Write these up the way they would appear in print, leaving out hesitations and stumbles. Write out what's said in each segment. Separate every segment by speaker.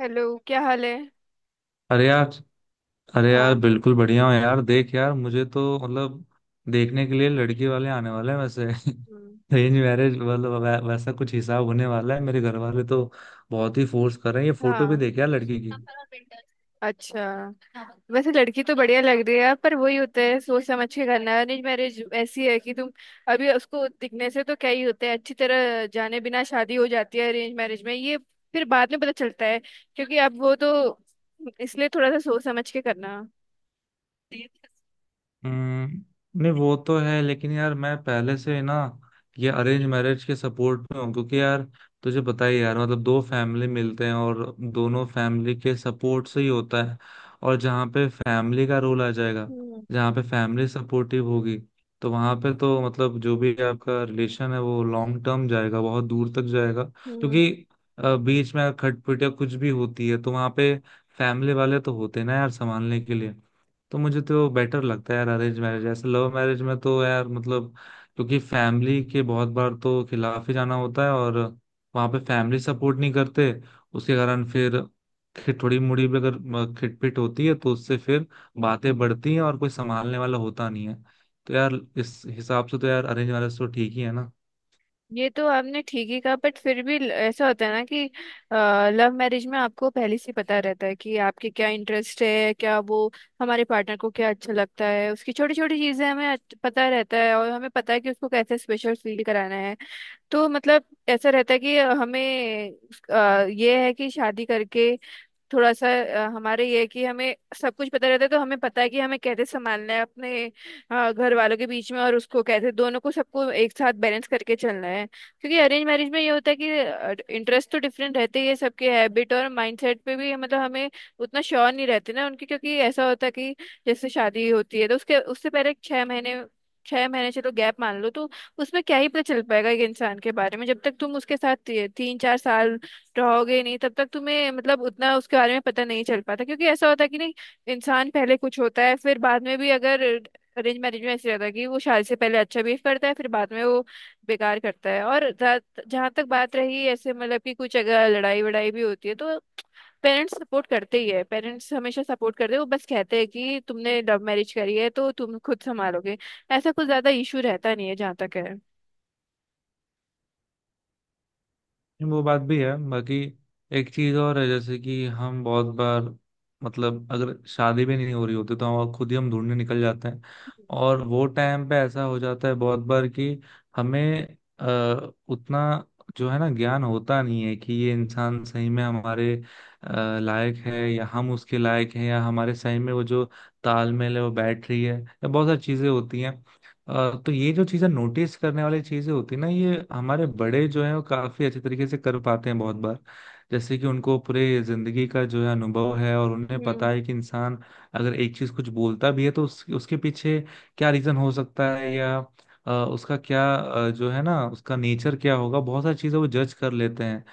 Speaker 1: Hello. क्या हाल है?
Speaker 2: अरे यार, अरे यार
Speaker 1: हाँ।
Speaker 2: बिल्कुल बढ़िया हूँ यार। देख यार, मुझे तो मतलब देखने के लिए लड़की वाले आने वाले हैं वैसे।
Speaker 1: हम्म।
Speaker 2: अरेंज मैरिज मतलब वैसा कुछ हिसाब होने वाला है। मेरे घर वाले तो बहुत ही फोर्स कर रहे हैं। ये फोटो भी
Speaker 1: हाँ।
Speaker 2: देख यार, लड़की की।
Speaker 1: अच्छा। वैसे लड़की तो बढ़िया लग रही है, पर वही होता है, सोच समझ के करना है। अरेंज मैरिज ऐसी है कि तुम अभी उसको दिखने से तो क्या ही होता है, अच्छी तरह जाने बिना शादी हो जाती है अरेंज मैरिज में। ये फिर बाद में पता चलता है, क्योंकि अब वो तो, इसलिए थोड़ा सा सोच समझ के करना। हम्म।
Speaker 2: हम्म, नहीं वो तो है, लेकिन यार मैं पहले से ना ये अरेंज मैरिज के सपोर्ट में हूँ। क्योंकि यार तुझे पता ही है यार, मतलब दो फैमिली मिलते हैं और दोनों फैमिली के सपोर्ट से ही होता है। और जहाँ पे फैमिली का रोल आ जाएगा, जहाँ पे फैमिली सपोर्टिव होगी, तो वहां पे तो मतलब जो भी आपका रिलेशन है वो लॉन्ग टर्म जाएगा, बहुत दूर तक जाएगा।
Speaker 1: हम्म।
Speaker 2: क्योंकि बीच में अगर खटपट या कुछ भी होती है तो वहां पे फैमिली वाले तो होते हैं ना यार, संभालने के लिए। तो मुझे तो बेटर लगता है यार अरेंज मैरिज, ऐसे लव मैरिज में तो यार मतलब क्योंकि फैमिली के बहुत बार तो खिलाफ ही जाना होता है और वहां पे फैमिली सपोर्ट नहीं करते। उसके कारण फिर थोड़ी मुड़ी भी अगर खिटपिट होती है तो उससे फिर बातें बढ़ती हैं और कोई संभालने वाला होता नहीं है। तो यार इस हिसाब से तो यार अरेंज मैरिज तो ठीक ही है।
Speaker 1: ये तो आपने ठीक ही कहा, बट फिर भी ऐसा होता है ना कि लव मैरिज में आपको पहले से ही पता रहता है कि आपके क्या इंटरेस्ट है, क्या वो, हमारे पार्टनर को क्या अच्छा लगता है, उसकी छोटी छोटी चीजें हमें पता रहता है, और हमें पता है कि उसको कैसे स्पेशल फील कराना है। तो मतलब ऐसा रहता है कि हमें, ये है कि शादी करके थोड़ा सा, हमारे ये है कि हमें सब कुछ पता रहता है, तो हमें पता है कि हमें कैसे संभालना है अपने, घर वालों के बीच में, और उसको कैसे दोनों को सबको एक साथ बैलेंस करके चलना है। क्योंकि अरेंज मैरिज में ये होता है कि इंटरेस्ट तो डिफरेंट रहते ही है सबके, हैबिट और माइंडसेट पे भी मतलब हमें उतना श्योर नहीं रहते ना उनके। क्योंकि ऐसा होता है कि जैसे शादी होती है तो उसके उससे पहले छह महीने, छह महीने चलो गैप मान लो, तो उसमें क्या ही पता चल पाएगा एक इंसान के बारे में? जब तक तुम उसके साथ तीन चार साल रहोगे ही नहीं, तब तक तुम्हें मतलब उतना उसके बारे में पता नहीं चल पाता। क्योंकि ऐसा होता है कि नहीं, इंसान पहले कुछ होता है फिर बाद में भी अगर, अरेंज मैरिज में ऐसे रहता है कि वो शादी से पहले अच्छा बिहेव करता है, फिर बाद में वो बेकार करता है। और जहां तक बात रही ऐसे मतलब कि कुछ अगर लड़ाई वड़ाई भी होती है, तो पेरेंट्स सपोर्ट करते ही है। पेरेंट्स हमेशा सपोर्ट करते हैं, वो बस कहते हैं कि तुमने लव मैरिज करी है तो तुम खुद संभालोगे। ऐसा कुछ ज्यादा इशू रहता नहीं है जहाँ तक है।
Speaker 2: नहीं, वो बात भी है। बाकी एक चीज और है, जैसे कि हम बहुत बार मतलब अगर शादी भी नहीं हो रही होती तो हम खुद ही हम ढूंढने निकल जाते हैं। और वो टाइम पे ऐसा हो जाता है बहुत बार कि हमें उतना जो है ना ज्ञान होता नहीं है कि ये इंसान सही में हमारे लायक है या हम उसके लायक हैं या हमारे सही में वो जो तालमेल है वो बैठ रही है या बहुत सारी चीजें होती हैं। तो ये जो चीजें नोटिस करने वाली चीजें होती है ना, ये हमारे बड़े जो हैं वो काफी अच्छे तरीके से कर पाते हैं बहुत बार। जैसे कि उनको पूरे जिंदगी का जो है अनुभव है और उन्हें
Speaker 1: हम्म।
Speaker 2: पता है कि इंसान अगर एक चीज कुछ बोलता भी है तो उसके पीछे क्या रीजन हो सकता है, या उसका क्या जो है ना उसका नेचर क्या होगा, बहुत सारी चीजें वो जज कर लेते हैं।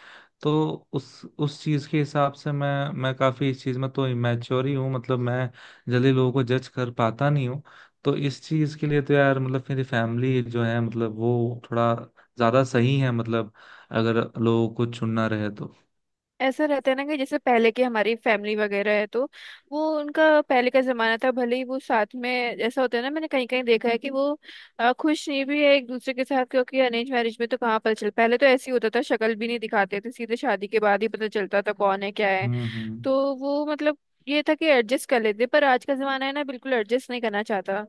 Speaker 2: तो उस चीज के हिसाब से मैं काफी इस चीज में तो इमेच्योर ही हूँ, मतलब मैं जल्दी लोगों को जज कर पाता नहीं हूँ। तो इस चीज के लिए तो यार मतलब मेरी फैमिली जो है, मतलब वो थोड़ा ज्यादा सही है मतलब, अगर लोगों को चुनना रहे तो।
Speaker 1: ऐसा रहता है ना कि जैसे पहले की हमारी फैमिली वगैरह है, तो वो उनका पहले का जमाना था। भले ही वो साथ में, ऐसा होता है ना, मैंने कहीं कहीं देखा है कि वो खुश नहीं भी है एक दूसरे के साथ। क्योंकि अरेंज मैरिज में तो कहाँ पता चल, पहले तो ऐसे ही होता था, शक्ल भी नहीं दिखाते थे, सीधे शादी के बाद ही पता चलता था कौन है क्या है।
Speaker 2: हम्म, हम्म,
Speaker 1: तो वो मतलब, ये था कि एडजस्ट कर लेते। पर आज का जमाना है ना, बिल्कुल एडजस्ट नहीं करना चाहता।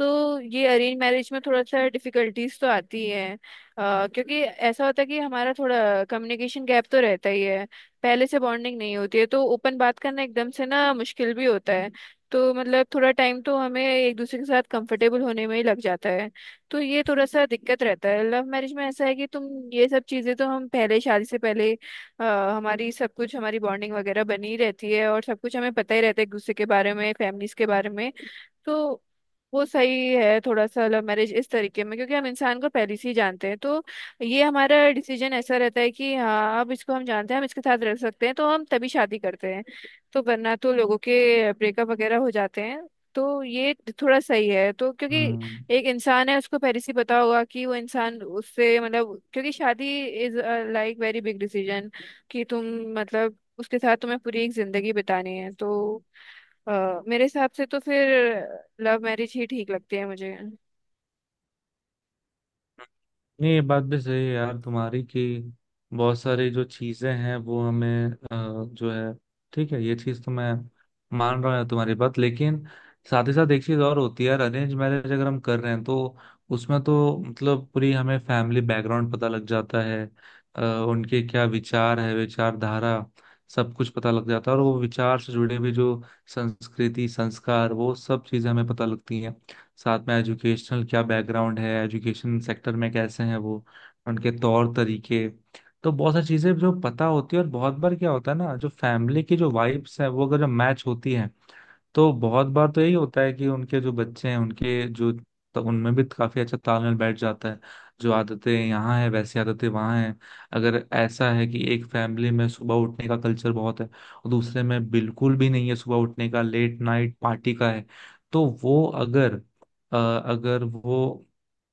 Speaker 1: तो ये अरेंज मैरिज में थोड़ा सा डिफिकल्टीज तो आती है, क्योंकि ऐसा होता है कि हमारा थोड़ा कम्युनिकेशन गैप तो रहता ही है। पहले से बॉन्डिंग नहीं होती है, तो ओपन बात करना एकदम से ना मुश्किल भी होता है। तो मतलब थोड़ा टाइम तो हमें एक दूसरे के साथ कंफर्टेबल होने में ही लग जाता है। तो ये थोड़ा सा दिक्कत रहता है। लव मैरिज में ऐसा है कि तुम ये सब चीजें तो हम पहले शादी से पहले, अ, हमारी सब कुछ हमारी बॉन्डिंग वगैरह बनी रहती है, और सब कुछ हमें पता ही रहता है एक दूसरे के बारे में, फैमिलीज के बारे में। तो वो सही है थोड़ा सा लव मैरिज इस तरीके में, क्योंकि हम इंसान को पहले से ही जानते हैं। तो ये हमारा डिसीजन ऐसा रहता है कि हाँ, अब इसको हम जानते हैं, हम इसके साथ रह सकते हैं, तो हम तभी शादी करते हैं। तो वरना तो लोगों के ब्रेकअप वगैरह हो जाते हैं। तो ये थोड़ा सही है तो, क्योंकि
Speaker 2: हम्म।
Speaker 1: एक इंसान है, उसको पहले से ही पता होगा कि वो इंसान उससे मतलब, क्योंकि शादी is like very big decision कि तुम, मतलब उसके साथ तुम्हें पूरी एक जिंदगी बितानी है। तो मेरे हिसाब से तो फिर लव मैरिज ही ठीक लगती है मुझे।
Speaker 2: नहीं, ये बात भी सही है यार तुम्हारी कि बहुत सारी जो चीजें हैं वो हमें जो है, ठीक है, ये चीज तो मैं मान रहा हूँ यार तुम्हारी बात। लेकिन साथ ही साथ एक चीज और होती है यार, अरेंज मैरिज अगर हम कर रहे हैं तो उसमें तो मतलब पूरी हमें फैमिली बैकग्राउंड पता लग जाता है। अ, उनके क्या विचार है, विचारधारा, सब कुछ पता लग जाता है। और वो विचार से जुड़े भी जो संस्कृति संस्कार, वो सब चीजें हमें पता लगती हैं। साथ में एजुकेशनल क्या बैकग्राउंड है, एजुकेशन सेक्टर में कैसे हैं वो, उनके तौर तरीके, तो बहुत सारी चीजें जो पता होती है। और बहुत बार क्या होता है ना, जो फैमिली की जो वाइब्स है वो अगर जो मैच होती है, तो बहुत बार तो यही होता है कि उनके जो बच्चे हैं, उनके जो उनमें भी काफी अच्छा तालमेल बैठ जाता है। जो आदतें यहाँ है वैसी आदतें वहाँ हैं। अगर ऐसा है कि एक फैमिली में सुबह उठने का कल्चर बहुत है और दूसरे में बिल्कुल भी नहीं है, सुबह उठने का, लेट नाइट पार्टी का है, तो वो अगर अ, अगर वो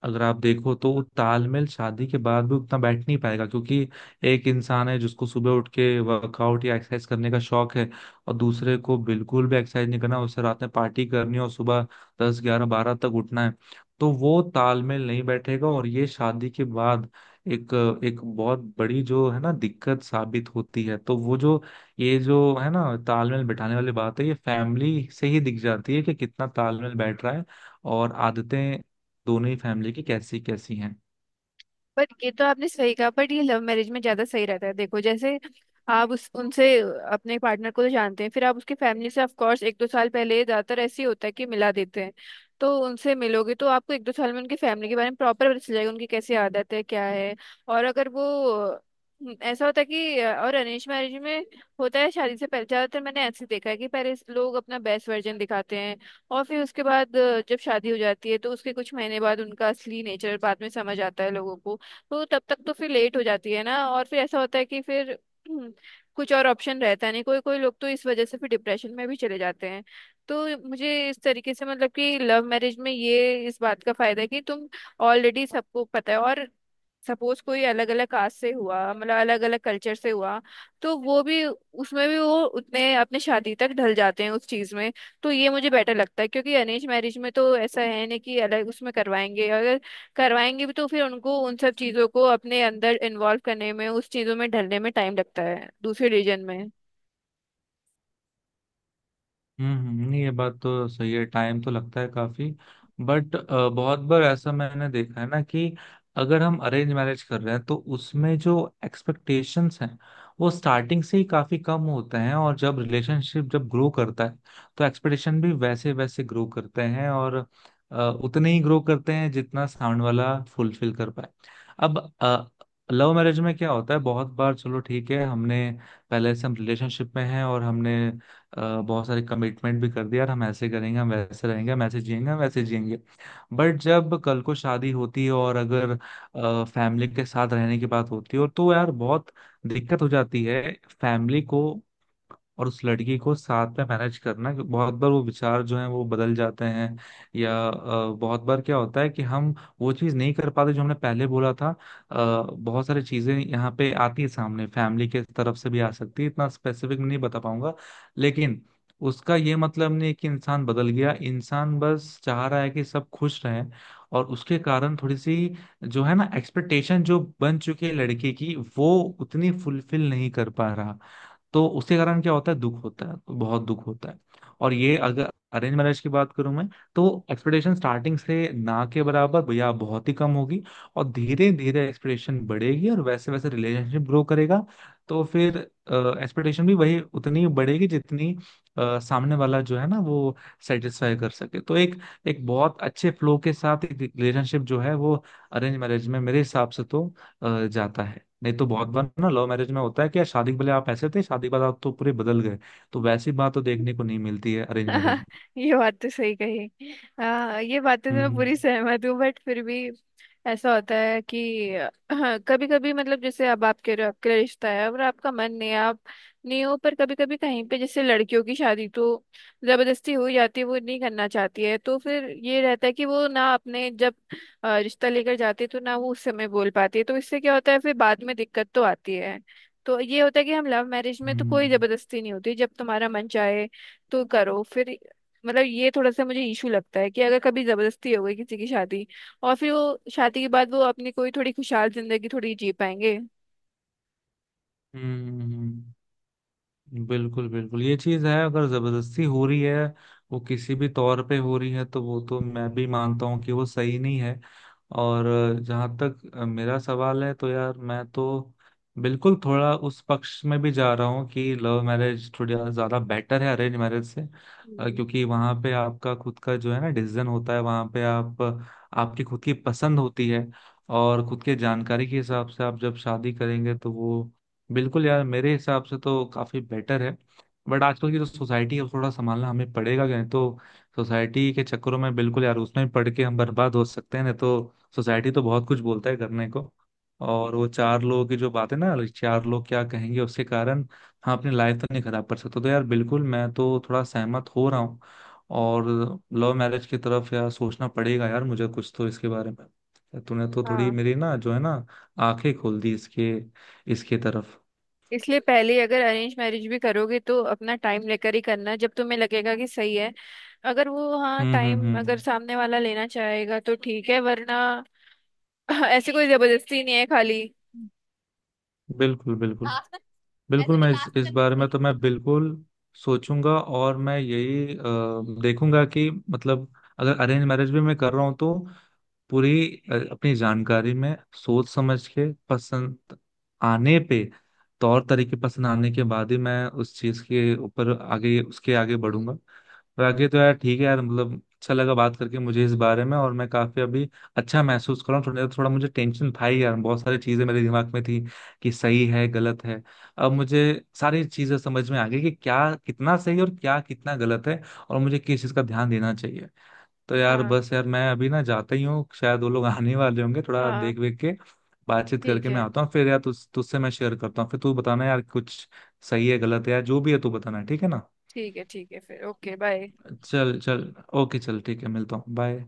Speaker 2: अगर आप देखो तो वो तालमेल शादी के बाद भी उतना बैठ नहीं पाएगा। क्योंकि एक इंसान है जिसको सुबह उठ के वर्कआउट या एक्सरसाइज करने का शौक है, और दूसरे को बिल्कुल भी एक्सरसाइज नहीं करना, उसे रात में पार्टी करनी और सुबह 10 11 12 तक उठना है। तो वो तालमेल नहीं बैठेगा, और ये शादी के बाद एक एक बहुत बड़ी जो है ना दिक्कत साबित होती है। तो वो जो, ये जो है ना तालमेल बिठाने वाली बात है, ये फैमिली से ही दिख जाती है कि कितना तालमेल बैठ रहा है और आदतें दोनों ही फैमिली की कैसी कैसी हैं।
Speaker 1: बट ये तो आपने सही कहा, बट ये लव मैरिज में ज्यादा सही रहता है। देखो, जैसे आप उस उनसे, अपने पार्टनर को तो जानते हैं, फिर आप उसकी फैमिली से ऑफ कोर्स एक दो साल पहले, ज्यादातर ऐसे ही होता है कि मिला देते हैं। तो उनसे मिलोगे तो आपको एक दो साल में उनकी फैमिली के बारे में प्रॉपर पता चल जाएगा, उनकी कैसी आदत है क्या है। और अगर वो, ऐसा होता है कि, और अरेंज मैरिज में होता है, शादी से पहले ज्यादातर मैंने ऐसे देखा है कि पहले लोग अपना बेस्ट वर्जन दिखाते हैं, और फिर उसके बाद जब शादी हो जाती है तो उसके कुछ महीने बाद उनका असली नेचर बाद में समझ आता है लोगों को। तो तब तक तो फिर लेट हो जाती है ना। और फिर ऐसा होता है कि फिर, हम्म, कुछ और ऑप्शन रहता नहीं, कोई कोई लोग तो इस वजह से फिर डिप्रेशन में भी चले जाते हैं। तो मुझे इस तरीके से मतलब कि लव मैरिज में ये इस बात का फायदा है कि तुम ऑलरेडी सबको पता है। और सपोज कोई अलग अलग कास्ट से हुआ, मतलब अलग अलग कल्चर से हुआ, तो वो भी, उसमें भी वो उतने अपने शादी तक ढल जाते हैं उस चीज में। तो ये मुझे बेटर लगता है, क्योंकि अरेंज मैरिज में तो ऐसा है नहीं कि अलग उसमें करवाएंगे। अगर करवाएंगे भी तो फिर उनको उन सब चीजों को अपने अंदर इन्वॉल्व करने में, उस चीजों में ढलने में टाइम लगता है दूसरे रीजन में।
Speaker 2: हम्म, नहीं ये बात तो सही है, टाइम तो लगता है काफी। बट बहुत बार ऐसा मैंने देखा है ना कि अगर हम अरेंज मैरिज कर रहे हैं तो उसमें जो एक्सपेक्टेशंस हैं वो स्टार्टिंग से ही काफी कम होते हैं, और जब रिलेशनशिप जब ग्रो करता है तो एक्सपेक्टेशन भी वैसे वैसे ग्रो करते हैं, और अ, उतने ही ग्रो करते हैं जितना साउंड वाला फुलफिल कर पाए। अब लव मैरिज में क्या होता है, बहुत बार, चलो ठीक है, हमने पहले से हम रिलेशनशिप में हैं और हमने बहुत सारे कमिटमेंट भी कर दिया यार, हम ऐसे करेंगे, हम वैसे रहेंगे, हम ऐसे जिएंगे, हम वैसे जिएंगे। बट जब कल को शादी होती है और अगर फैमिली के साथ रहने की बात होती है और, तो यार बहुत दिक्कत हो जाती है। फैमिली को और उस लड़की को साथ में मैनेज करना कि बहुत बार वो विचार जो है वो बदल जाते हैं। या बहुत बार क्या होता है कि हम वो चीज़ नहीं कर पाते जो हमने पहले बोला था। अ, बहुत सारी चीज़ें यहाँ पे आती है सामने, फैमिली के तरफ से भी आ सकती है, इतना स्पेसिफिक नहीं बता पाऊंगा। लेकिन उसका ये मतलब नहीं कि इंसान बदल गया, इंसान बस चाह रहा है कि सब खुश रहें। और उसके कारण थोड़ी सी जो है ना एक्सपेक्टेशन जो बन चुकी है लड़के की, वो उतनी फुलफिल नहीं कर पा रहा। तो उसके कारण क्या होता है, दुख होता है, तो बहुत दुख होता है। और ये अगर अरेंज मैरिज की बात करूं मैं, तो एक्सपेक्टेशन स्टार्टिंग से ना के बराबर या बहुत ही कम होगी, और धीरे धीरे एक्सपेक्टेशन बढ़ेगी और वैसे वैसे रिलेशनशिप ग्रो करेगा। तो फिर एक्सपेक्टेशन भी वही उतनी ही बढ़ेगी जितनी सामने वाला जो है ना वो सेटिस्फाई कर सके। तो एक एक बहुत अच्छे फ्लो के साथ एक रिलेशनशिप जो है वो अरेंज मैरिज में मेरे हिसाब से तो जाता है। नहीं तो बहुत बार ना लव मैरिज में होता है कि यार शादी के पहले आप ऐसे थे, शादी के बाद आप तो पूरे बदल गए। तो वैसी बात तो देखने को नहीं मिलती है अरेंज मैरिज में।
Speaker 1: ये बात तो सही कही। आ, ये बातें तो मैं
Speaker 2: हम्म,
Speaker 1: पूरी सहमत हूँ, बट फिर भी ऐसा होता है कि कभी कभी मतलब, जैसे अब आपके आपके रिश्ता है, और आपका मन नहीं है, आप नहीं हो, पर कभी कभी कहीं पे, जैसे लड़कियों की शादी तो जबरदस्ती हो जाती है, वो नहीं करना चाहती है, तो फिर ये रहता है कि वो ना अपने जब रिश्ता लेकर जाती है तो ना वो उस समय बोल पाती है, तो इससे क्या होता है फिर बाद में दिक्कत तो आती है। तो ये होता है कि हम लव मैरिज में तो कोई
Speaker 2: हम्म,
Speaker 1: जबरदस्ती नहीं होती। जब तुम्हारा मन चाहे तो करो फिर, मतलब ये थोड़ा सा मुझे इशू लगता है कि अगर कभी जबरदस्ती हो गई किसी की शादी, और फिर वो शादी के बाद वो अपनी कोई थोड़ी खुशहाल जिंदगी थोड़ी जी पाएंगे।
Speaker 2: हम्म, बिल्कुल बिल्कुल, ये चीज है, अगर जबरदस्ती हो रही है वो किसी भी तौर पे हो रही है तो वो तो मैं भी मानता हूँ कि वो सही नहीं है। और जहां तक मेरा सवाल है तो यार मैं तो बिल्कुल थोड़ा उस पक्ष में भी जा रहा हूँ कि लव मैरिज थोड़ी ज्यादा बेटर है अरेंज मैरिज से।
Speaker 1: हम्म।
Speaker 2: क्योंकि वहां पे आपका खुद का जो है ना डिसीजन होता है, वहां पे आप, आपकी खुद की पसंद होती है, और खुद के जानकारी के हिसाब से आप जब शादी करेंगे तो वो बिल्कुल यार मेरे हिसाब से तो काफी बेटर है। बट आजकल की जो सोसाइटी है उसको थोड़ा संभालना हमें पड़ेगा कहीं तो। सोसाइटी के चक्करों में बिल्कुल यार उसमें पड़ के हम बर्बाद हो सकते हैं, नहीं तो सोसाइटी तो बहुत कुछ बोलता है करने को। और वो चार लोगों की जो बात है ना, चार लोग क्या कहेंगे, उसके कारण हम अपनी लाइफ तो नहीं खराब कर सकते। तो यार बिल्कुल मैं तो थोड़ा सहमत हो रहा हूँ, और लव मैरिज की तरफ यार सोचना पड़ेगा यार मुझे कुछ तो। इसके बारे में तूने तो थोड़ी
Speaker 1: हाँ,
Speaker 2: मेरी ना जो है ना आंखें खोल दी, इसके इसके तरफ।
Speaker 1: इसलिए पहले ही अगर अरेंज मैरिज भी करोगे तो अपना टाइम लेकर ही करना, जब तुम्हें लगेगा कि सही है। अगर वो, हाँ,
Speaker 2: हम्म, हम्म,
Speaker 1: टाइम अगर
Speaker 2: हम्म,
Speaker 1: सामने वाला लेना चाहेगा तो ठीक है, वरना ऐसी कोई जबरदस्ती नहीं है खाली।
Speaker 2: बिल्कुल बिल्कुल। बिल्कुल मैं इस बारे में तो मैं बिल्कुल सोचूंगा, और मैं यही देखूंगा कि मतलब अगर अरेंज मैरिज भी मैं कर रहा हूँ तो पूरी अपनी जानकारी में सोच समझ के, पसंद आने पे, तौर तरीके पसंद आने के बाद ही मैं उस चीज के ऊपर आगे, उसके आगे बढ़ूंगा। बाकी तो यार ठीक है यार, मतलब अच्छा लगा बात करके मुझे इस बारे में, और मैं काफी अभी अच्छा महसूस कर रहा हूँ। थोड़ा थोड़ा मुझे टेंशन था ही यार, बहुत सारी चीजें मेरे दिमाग में थी कि सही है गलत है। अब मुझे सारी चीजें समझ में आ गई कि क्या कितना सही और क्या कितना गलत है, और मुझे किस चीज का ध्यान देना चाहिए। तो यार
Speaker 1: हाँ।
Speaker 2: बस यार मैं अभी ना जाता ही हूँ, शायद वो लोग आने वाले होंगे, थोड़ा
Speaker 1: हाँ।
Speaker 2: देख वेख के बातचीत
Speaker 1: ठीक
Speaker 2: करके मैं
Speaker 1: है।
Speaker 2: आता हूँ। फिर यार तुझसे मैं शेयर करता हूँ, फिर तू बताना यार कुछ सही है गलत है यार जो भी है तू बताना, ठीक है ना।
Speaker 1: ठीक है। ठीक है, फिर ओके, बाय।
Speaker 2: चल चल, ओके चल, ठीक है, मिलता हूँ, बाय।